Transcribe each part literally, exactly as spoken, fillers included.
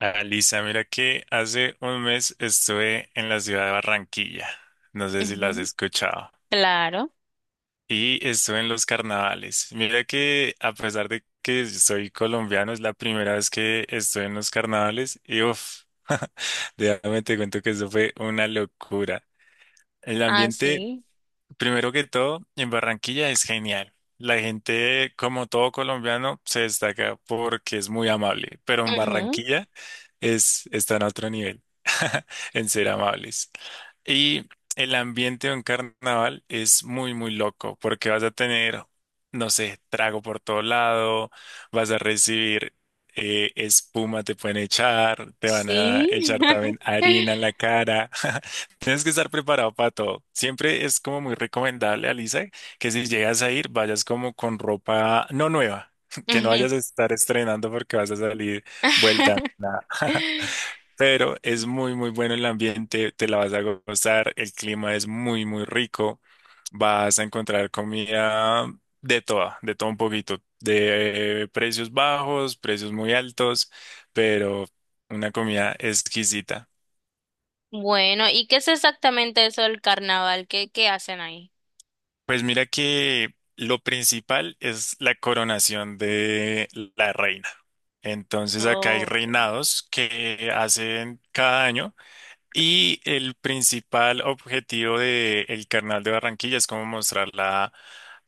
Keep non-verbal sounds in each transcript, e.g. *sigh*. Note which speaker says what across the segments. Speaker 1: Alisa, mira que hace un mes estuve en la ciudad de Barranquilla, no sé si la has
Speaker 2: Ujú,
Speaker 1: escuchado,
Speaker 2: claro.
Speaker 1: y estuve en los carnavales. Mira que a pesar de que soy colombiano, es la primera vez que estoy en los carnavales y uff, *laughs* déjame te cuento que eso fue una locura. El ambiente
Speaker 2: Así.
Speaker 1: Primero que todo, en Barranquilla es genial. La gente, como todo colombiano, se destaca porque es muy amable, pero en
Speaker 2: Ujú,
Speaker 1: Barranquilla es, está en otro nivel, *laughs* en ser amables. Y el ambiente en carnaval es muy, muy loco porque vas a tener, no sé, trago por todo lado, vas a recibir eh, espuma, te pueden echar, te van a
Speaker 2: sí.
Speaker 1: echar
Speaker 2: *laughs*
Speaker 1: también harina en la cara. *laughs* Tienes que estar preparado para todo. Siempre es como muy recomendable, Alisa, que si llegas a ir, vayas como con ropa no nueva, *laughs* que no
Speaker 2: Ujú.
Speaker 1: vayas a estar estrenando porque vas a salir vuelta
Speaker 2: *laughs*
Speaker 1: nada. *laughs* Pero es muy, muy bueno el ambiente, te la vas a gozar, el clima es muy, muy rico, vas a encontrar comida de toda, de todo un poquito, de precios bajos, precios muy altos, pero una comida exquisita.
Speaker 2: Bueno, ¿y qué es exactamente eso del carnaval? ¿Qué, qué hacen ahí?
Speaker 1: Pues mira que lo principal es la coronación de la reina. Entonces acá
Speaker 2: Oh,
Speaker 1: hay
Speaker 2: okay.
Speaker 1: reinados que hacen cada año y el principal objetivo del Carnaval de Barranquilla es como mostrar la,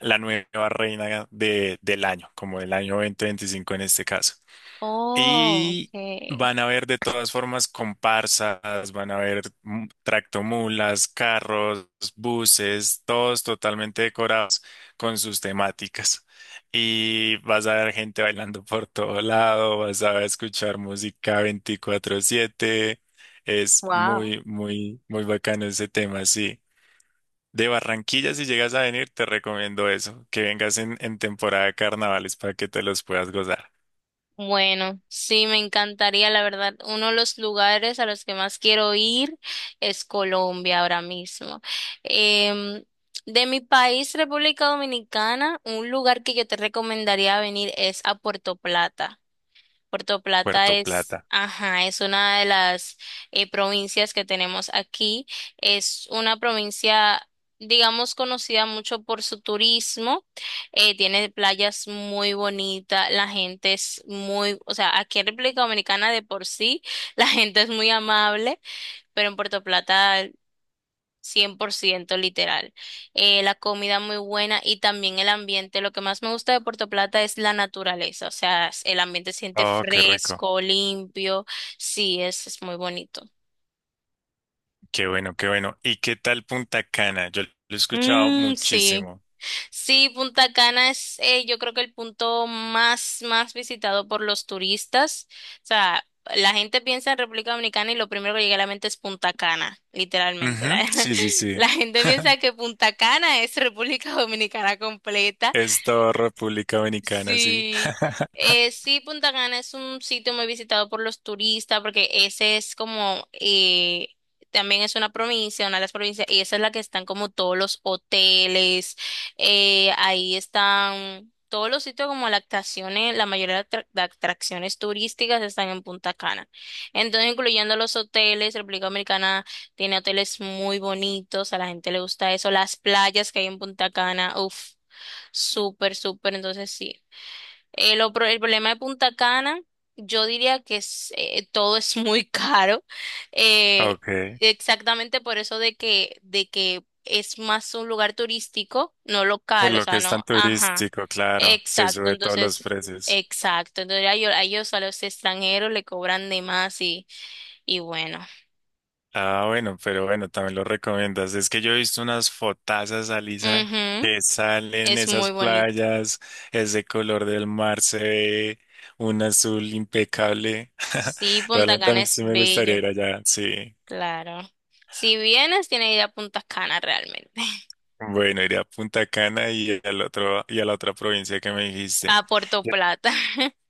Speaker 1: la nueva reina de- del año, como del año dos mil veinticinco en este caso.
Speaker 2: Oh,
Speaker 1: Y
Speaker 2: okay.
Speaker 1: van a ver de todas formas comparsas, van a ver mm, tractomulas, carros, buses, todos totalmente decorados con sus temáticas. Y vas a ver gente bailando por todo lado, vas a escuchar música veinticuatro siete. Es
Speaker 2: Wow.
Speaker 1: muy, muy, muy bacano ese tema, sí. De Barranquilla, si llegas a venir, te recomiendo eso, que vengas en, en temporada de carnavales para que te los puedas gozar.
Speaker 2: Bueno, sí, me encantaría, la verdad. Uno de los lugares a los que más quiero ir es Colombia ahora mismo. Em, de mi país, República Dominicana, un lugar que yo te recomendaría venir es a Puerto Plata. Puerto Plata
Speaker 1: Puerto
Speaker 2: es,
Speaker 1: Plata.
Speaker 2: ajá, es una de las eh, provincias que tenemos aquí. Es una provincia, digamos, conocida mucho por su turismo. Eh, tiene playas muy bonitas, la gente es muy, o sea, aquí en República Dominicana de por sí, *laughs* la gente es muy amable, pero en Puerto Plata cien por ciento literal. Eh, la comida muy buena y también el ambiente. Lo que más me gusta de Puerto Plata es la naturaleza, o sea, s- el ambiente se siente
Speaker 1: Oh, qué rico.
Speaker 2: fresco, limpio. Sí, es, es muy bonito.
Speaker 1: Qué bueno, qué bueno. ¿Y qué tal Punta Cana? Yo lo he escuchado
Speaker 2: Mm, sí,
Speaker 1: muchísimo.
Speaker 2: sí, Punta Cana es eh, yo creo que el punto más, más visitado por los turistas. O sea, la gente piensa en República Dominicana y lo primero que llega a la mente es Punta Cana, literalmente. La,
Speaker 1: Ujú,
Speaker 2: *laughs*
Speaker 1: sí, sí, sí.
Speaker 2: la gente piensa que Punta Cana es República Dominicana completa.
Speaker 1: Es toda República Dominicana, sí.
Speaker 2: Sí, eh, sí, Punta Cana es un sitio muy visitado por los turistas porque ese es como, eh, también es una provincia, una de las provincias, y esa es la que están como todos los hoteles, eh, ahí están todos los sitios como las atracciones, la mayoría de atra- de atracciones turísticas están en Punta Cana. Entonces, incluyendo los hoteles, República Dominicana tiene hoteles muy bonitos, a la gente le gusta eso, las playas que hay en Punta Cana, uff. Súper, súper. Entonces sí, eh, lo pro- el problema de Punta Cana, yo diría que es, eh, todo es muy *laughs* caro. eh,
Speaker 1: Ok.
Speaker 2: Exactamente por eso de que, de que es más un lugar turístico, no
Speaker 1: Por
Speaker 2: local, o
Speaker 1: lo que
Speaker 2: sea,
Speaker 1: es tan
Speaker 2: no, ajá.
Speaker 1: turístico, claro. Se
Speaker 2: Exacto,
Speaker 1: sube todos los
Speaker 2: entonces,
Speaker 1: precios.
Speaker 2: exacto. Entonces a ellos, a ellos, a los extranjeros le cobran de más y, y bueno.
Speaker 1: Ah, bueno, pero bueno, también lo recomiendas. Es que yo he visto unas fotazas, Alisa,
Speaker 2: Ujú.
Speaker 1: que salen
Speaker 2: Es
Speaker 1: esas
Speaker 2: muy bonito.
Speaker 1: playas, ese color del mar se ve un azul impecable. *laughs*
Speaker 2: Sí, Punta
Speaker 1: Realmente a
Speaker 2: Cana
Speaker 1: mí
Speaker 2: es
Speaker 1: sí me gustaría
Speaker 2: bello,
Speaker 1: ir allá, sí.
Speaker 2: claro. Si vienes, tienes que ir a Punta Cana realmente.
Speaker 1: Bueno, iré a Punta Cana y al otro, y a la otra provincia que me dijiste.
Speaker 2: A Puerto
Speaker 1: Yo-
Speaker 2: Plata.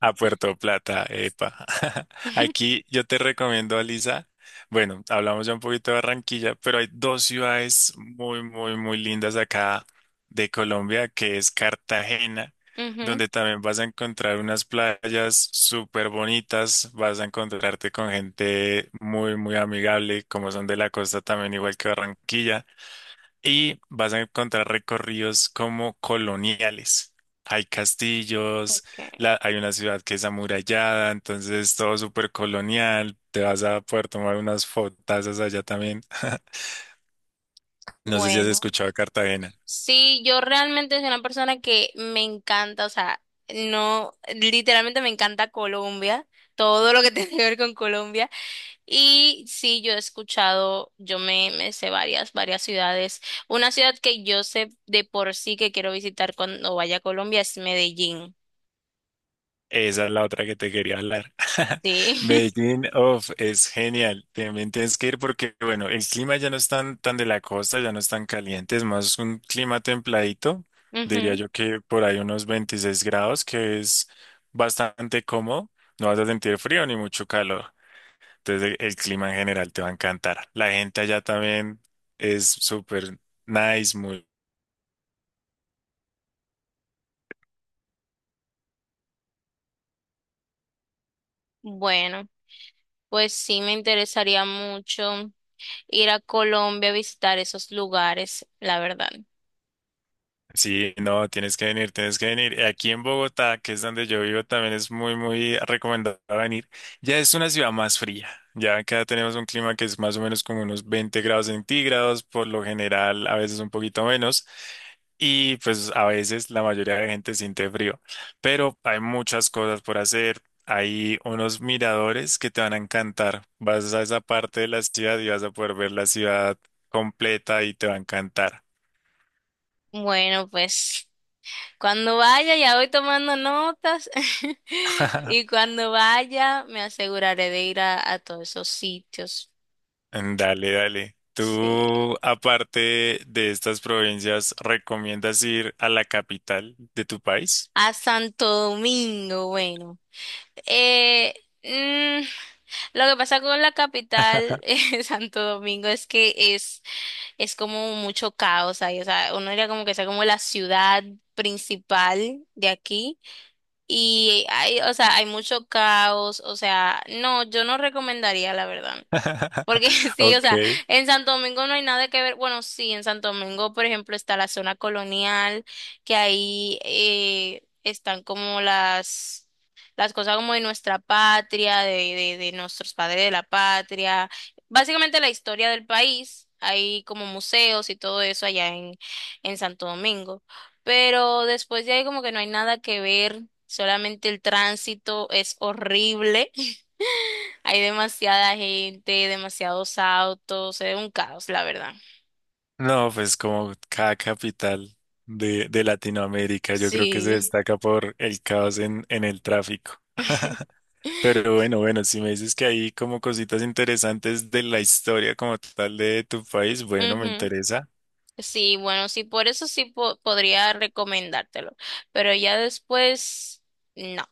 Speaker 1: A Puerto Plata, epa. *laughs*
Speaker 2: *laughs*
Speaker 1: Aquí yo te recomiendo, Alisa. Bueno, hablamos ya un poquito de Barranquilla, pero hay dos ciudades muy, muy, muy lindas acá de Colombia, que es Cartagena,
Speaker 2: Ujú,
Speaker 1: donde también vas a encontrar unas playas súper bonitas, vas a encontrarte con gente muy, muy amigable, como son de la costa también, igual que Barranquilla y vas a encontrar recorridos como coloniales. Hay castillos,
Speaker 2: ok.
Speaker 1: la- hay una ciudad que es amurallada, entonces todo súper colonial. Te vas a poder tomar unas fotazas allá también. *laughs* No sé si has
Speaker 2: Bueno,
Speaker 1: escuchado de Cartagena.
Speaker 2: sí, yo realmente soy una persona que me encanta, o sea, no, literalmente me encanta Colombia, todo lo que *laughs* tiene que ver con Colombia. Y sí, yo he escuchado, yo me, me sé varias, varias ciudades. Una ciudad que yo sé de por sí que quiero visitar cuando vaya a Colombia es Medellín.
Speaker 1: Esa es la otra que te quería hablar. *laughs*
Speaker 2: Sí.
Speaker 1: Medellín, of es genial. También tienes que ir porque, bueno, el clima ya no es tan, tan de la costa, ya no es tan caliente, es más un clima templadito.
Speaker 2: *laughs*
Speaker 1: Diría
Speaker 2: Ujú.
Speaker 1: yo que por ahí unos veintiséis grados, que es bastante cómodo. No vas a sentir frío ni mucho calor. Entonces, el, el clima en general te va a encantar. La gente allá también es súper nice, muy
Speaker 2: Bueno, pues sí, me interesaría mucho ir a Colombia a visitar esos lugares, la verdad.
Speaker 1: Sí, no, tienes que venir, tienes que venir. Aquí en Bogotá, que es donde yo vivo, también es muy, muy recomendado venir. Ya es una ciudad más fría. Ya acá tenemos un clima que es más o menos como unos veinte grados centígrados, por lo general, a veces un poquito menos. Y pues a veces la mayoría de la gente siente frío. Pero hay muchas cosas por hacer. Hay unos miradores que te van a encantar. Vas a esa parte de la ciudad y vas a poder ver la ciudad completa y te va a encantar.
Speaker 2: Bueno, pues cuando vaya ya voy tomando notas *laughs*
Speaker 1: *laughs*
Speaker 2: y cuando vaya me aseguraré de ir a, a todos esos sitios.
Speaker 1: Dale, dale.
Speaker 2: Sí.
Speaker 1: ¿Tú, aparte de estas provincias, recomiendas ir a la capital de tu país?
Speaker 2: A Santo Domingo, bueno. Eh, mm, lo que pasa con la capital, *laughs*
Speaker 1: *laughs*
Speaker 2: eh, Santo Domingo, es que es, es como mucho caos ahí. O sea, uno diría como que sea como la ciudad principal de aquí. Y hay, o sea, hay mucho caos, o sea, no, yo no recomendaría, la verdad. Porque *laughs* sí, o
Speaker 1: Ok.
Speaker 2: sea, en Santo Domingo no hay nada que ver. Bueno, sí, en Santo Domingo, por ejemplo, está la zona colonial, que ahí eh, están como las, las cosas como de nuestra patria, de, de, de nuestros padres de la patria, básicamente la historia del país. Hay como museos y todo eso allá en, en Santo Domingo. Pero después de ahí como que no hay nada que ver, solamente el tránsito es horrible. Hay demasiada gente, demasiados autos, es un caos, la verdad.
Speaker 1: No, pues como cada capital de, de Latinoamérica, yo creo que se
Speaker 2: Sí.
Speaker 1: destaca por el caos en, en el tráfico. *laughs*
Speaker 2: *laughs*
Speaker 1: Pero bueno, bueno, si me dices que hay como cositas interesantes de la historia como tal de tu país, bueno, me
Speaker 2: Ujú.
Speaker 1: interesa.
Speaker 2: Sí, bueno, sí, por eso sí po- podría recomendártelo, pero ya después, no.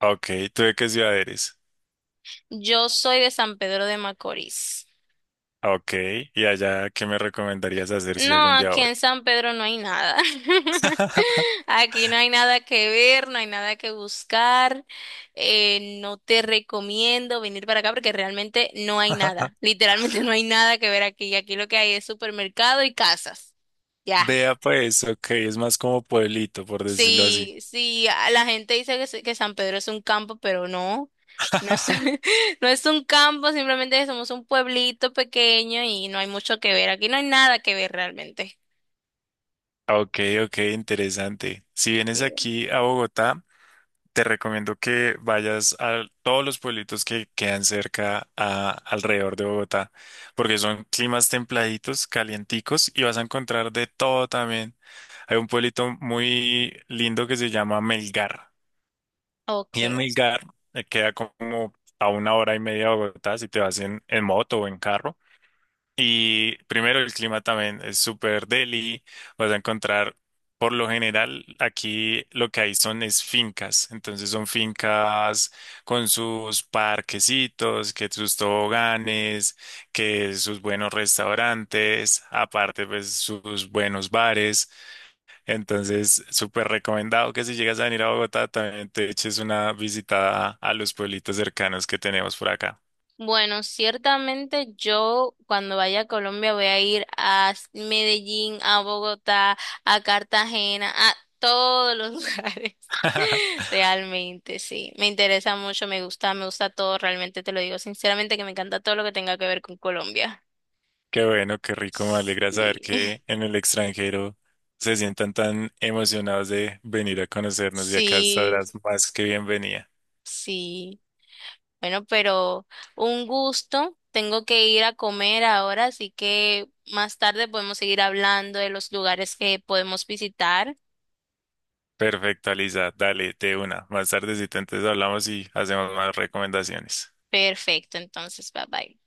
Speaker 1: Ok, ¿tú de qué ciudad eres?
Speaker 2: Yo soy de San Pedro de Macorís.
Speaker 1: Ok, y allá, ¿qué me recomendarías hacer si
Speaker 2: No,
Speaker 1: algún día
Speaker 2: aquí
Speaker 1: voy?
Speaker 2: en San Pedro no hay nada. *laughs*
Speaker 1: *laughs*
Speaker 2: Aquí no hay nada que ver, no hay nada que buscar. Eh, no te recomiendo venir para acá porque realmente no hay nada. Literalmente *laughs* no hay nada que ver aquí. Aquí lo que hay es supermercado y casas. Ya.
Speaker 1: Vea pues, ok, es más como pueblito, por decirlo así.
Speaker 2: Sí, sí, a- la gente dice que, se- que San Pedro es un campo, pero no. No es,
Speaker 1: *laughs*
Speaker 2: *laughs* no es un campo, simplemente somos un pueblito pequeño y no hay mucho que ver. Aquí no hay nada que ver realmente.
Speaker 1: Ok, ok, interesante. Si vienes
Speaker 2: Sí.
Speaker 1: aquí a Bogotá, te recomiendo que vayas a todos los pueblitos que quedan cerca a, alrededor de Bogotá, porque son climas templaditos, calienticos, y vas a encontrar de todo también. Hay un pueblito muy lindo que se llama Melgar. Y en
Speaker 2: Ok.
Speaker 1: Milgar eh, queda como a una hora y media de Bogotá si te vas en, en moto o en carro. Y primero el clima también es súper deli. Vas a encontrar, por lo general, aquí lo que hay son es fincas. Entonces son fincas con sus parquecitos, que sus toboganes, que sus buenos restaurantes, aparte pues sus buenos bares. Entonces, súper recomendado que si llegas a venir a Bogotá, también te eches una visitada a los pueblitos cercanos que tenemos por acá.
Speaker 2: Bueno, ciertamente yo cuando vaya a Colombia voy a ir a s- Medellín, a Bogotá, a Cartagena, a todos los *laughs* lugares.
Speaker 1: *laughs*
Speaker 2: Realmente, sí. Me interesa mucho, me gusta, me gusta todo. Realmente te lo digo sinceramente que me encanta todo lo que tenga que ver con Colombia.
Speaker 1: Qué bueno, qué rico, me alegra saber
Speaker 2: Sí, *laughs*
Speaker 1: que en el extranjero se sientan tan emocionados de venir a conocernos y acá
Speaker 2: sí,
Speaker 1: estarás más que bienvenida.
Speaker 2: sí. Bueno, pero un gusto. Tengo que ir a comer ahora, así que más tarde podemos seguir hablando de los lugares que podemos visitar.
Speaker 1: Perfecto, Alisa, dale, de una. Más tardecito entonces hablamos y hacemos más recomendaciones.
Speaker 2: Perfecto, entonces, bye bye.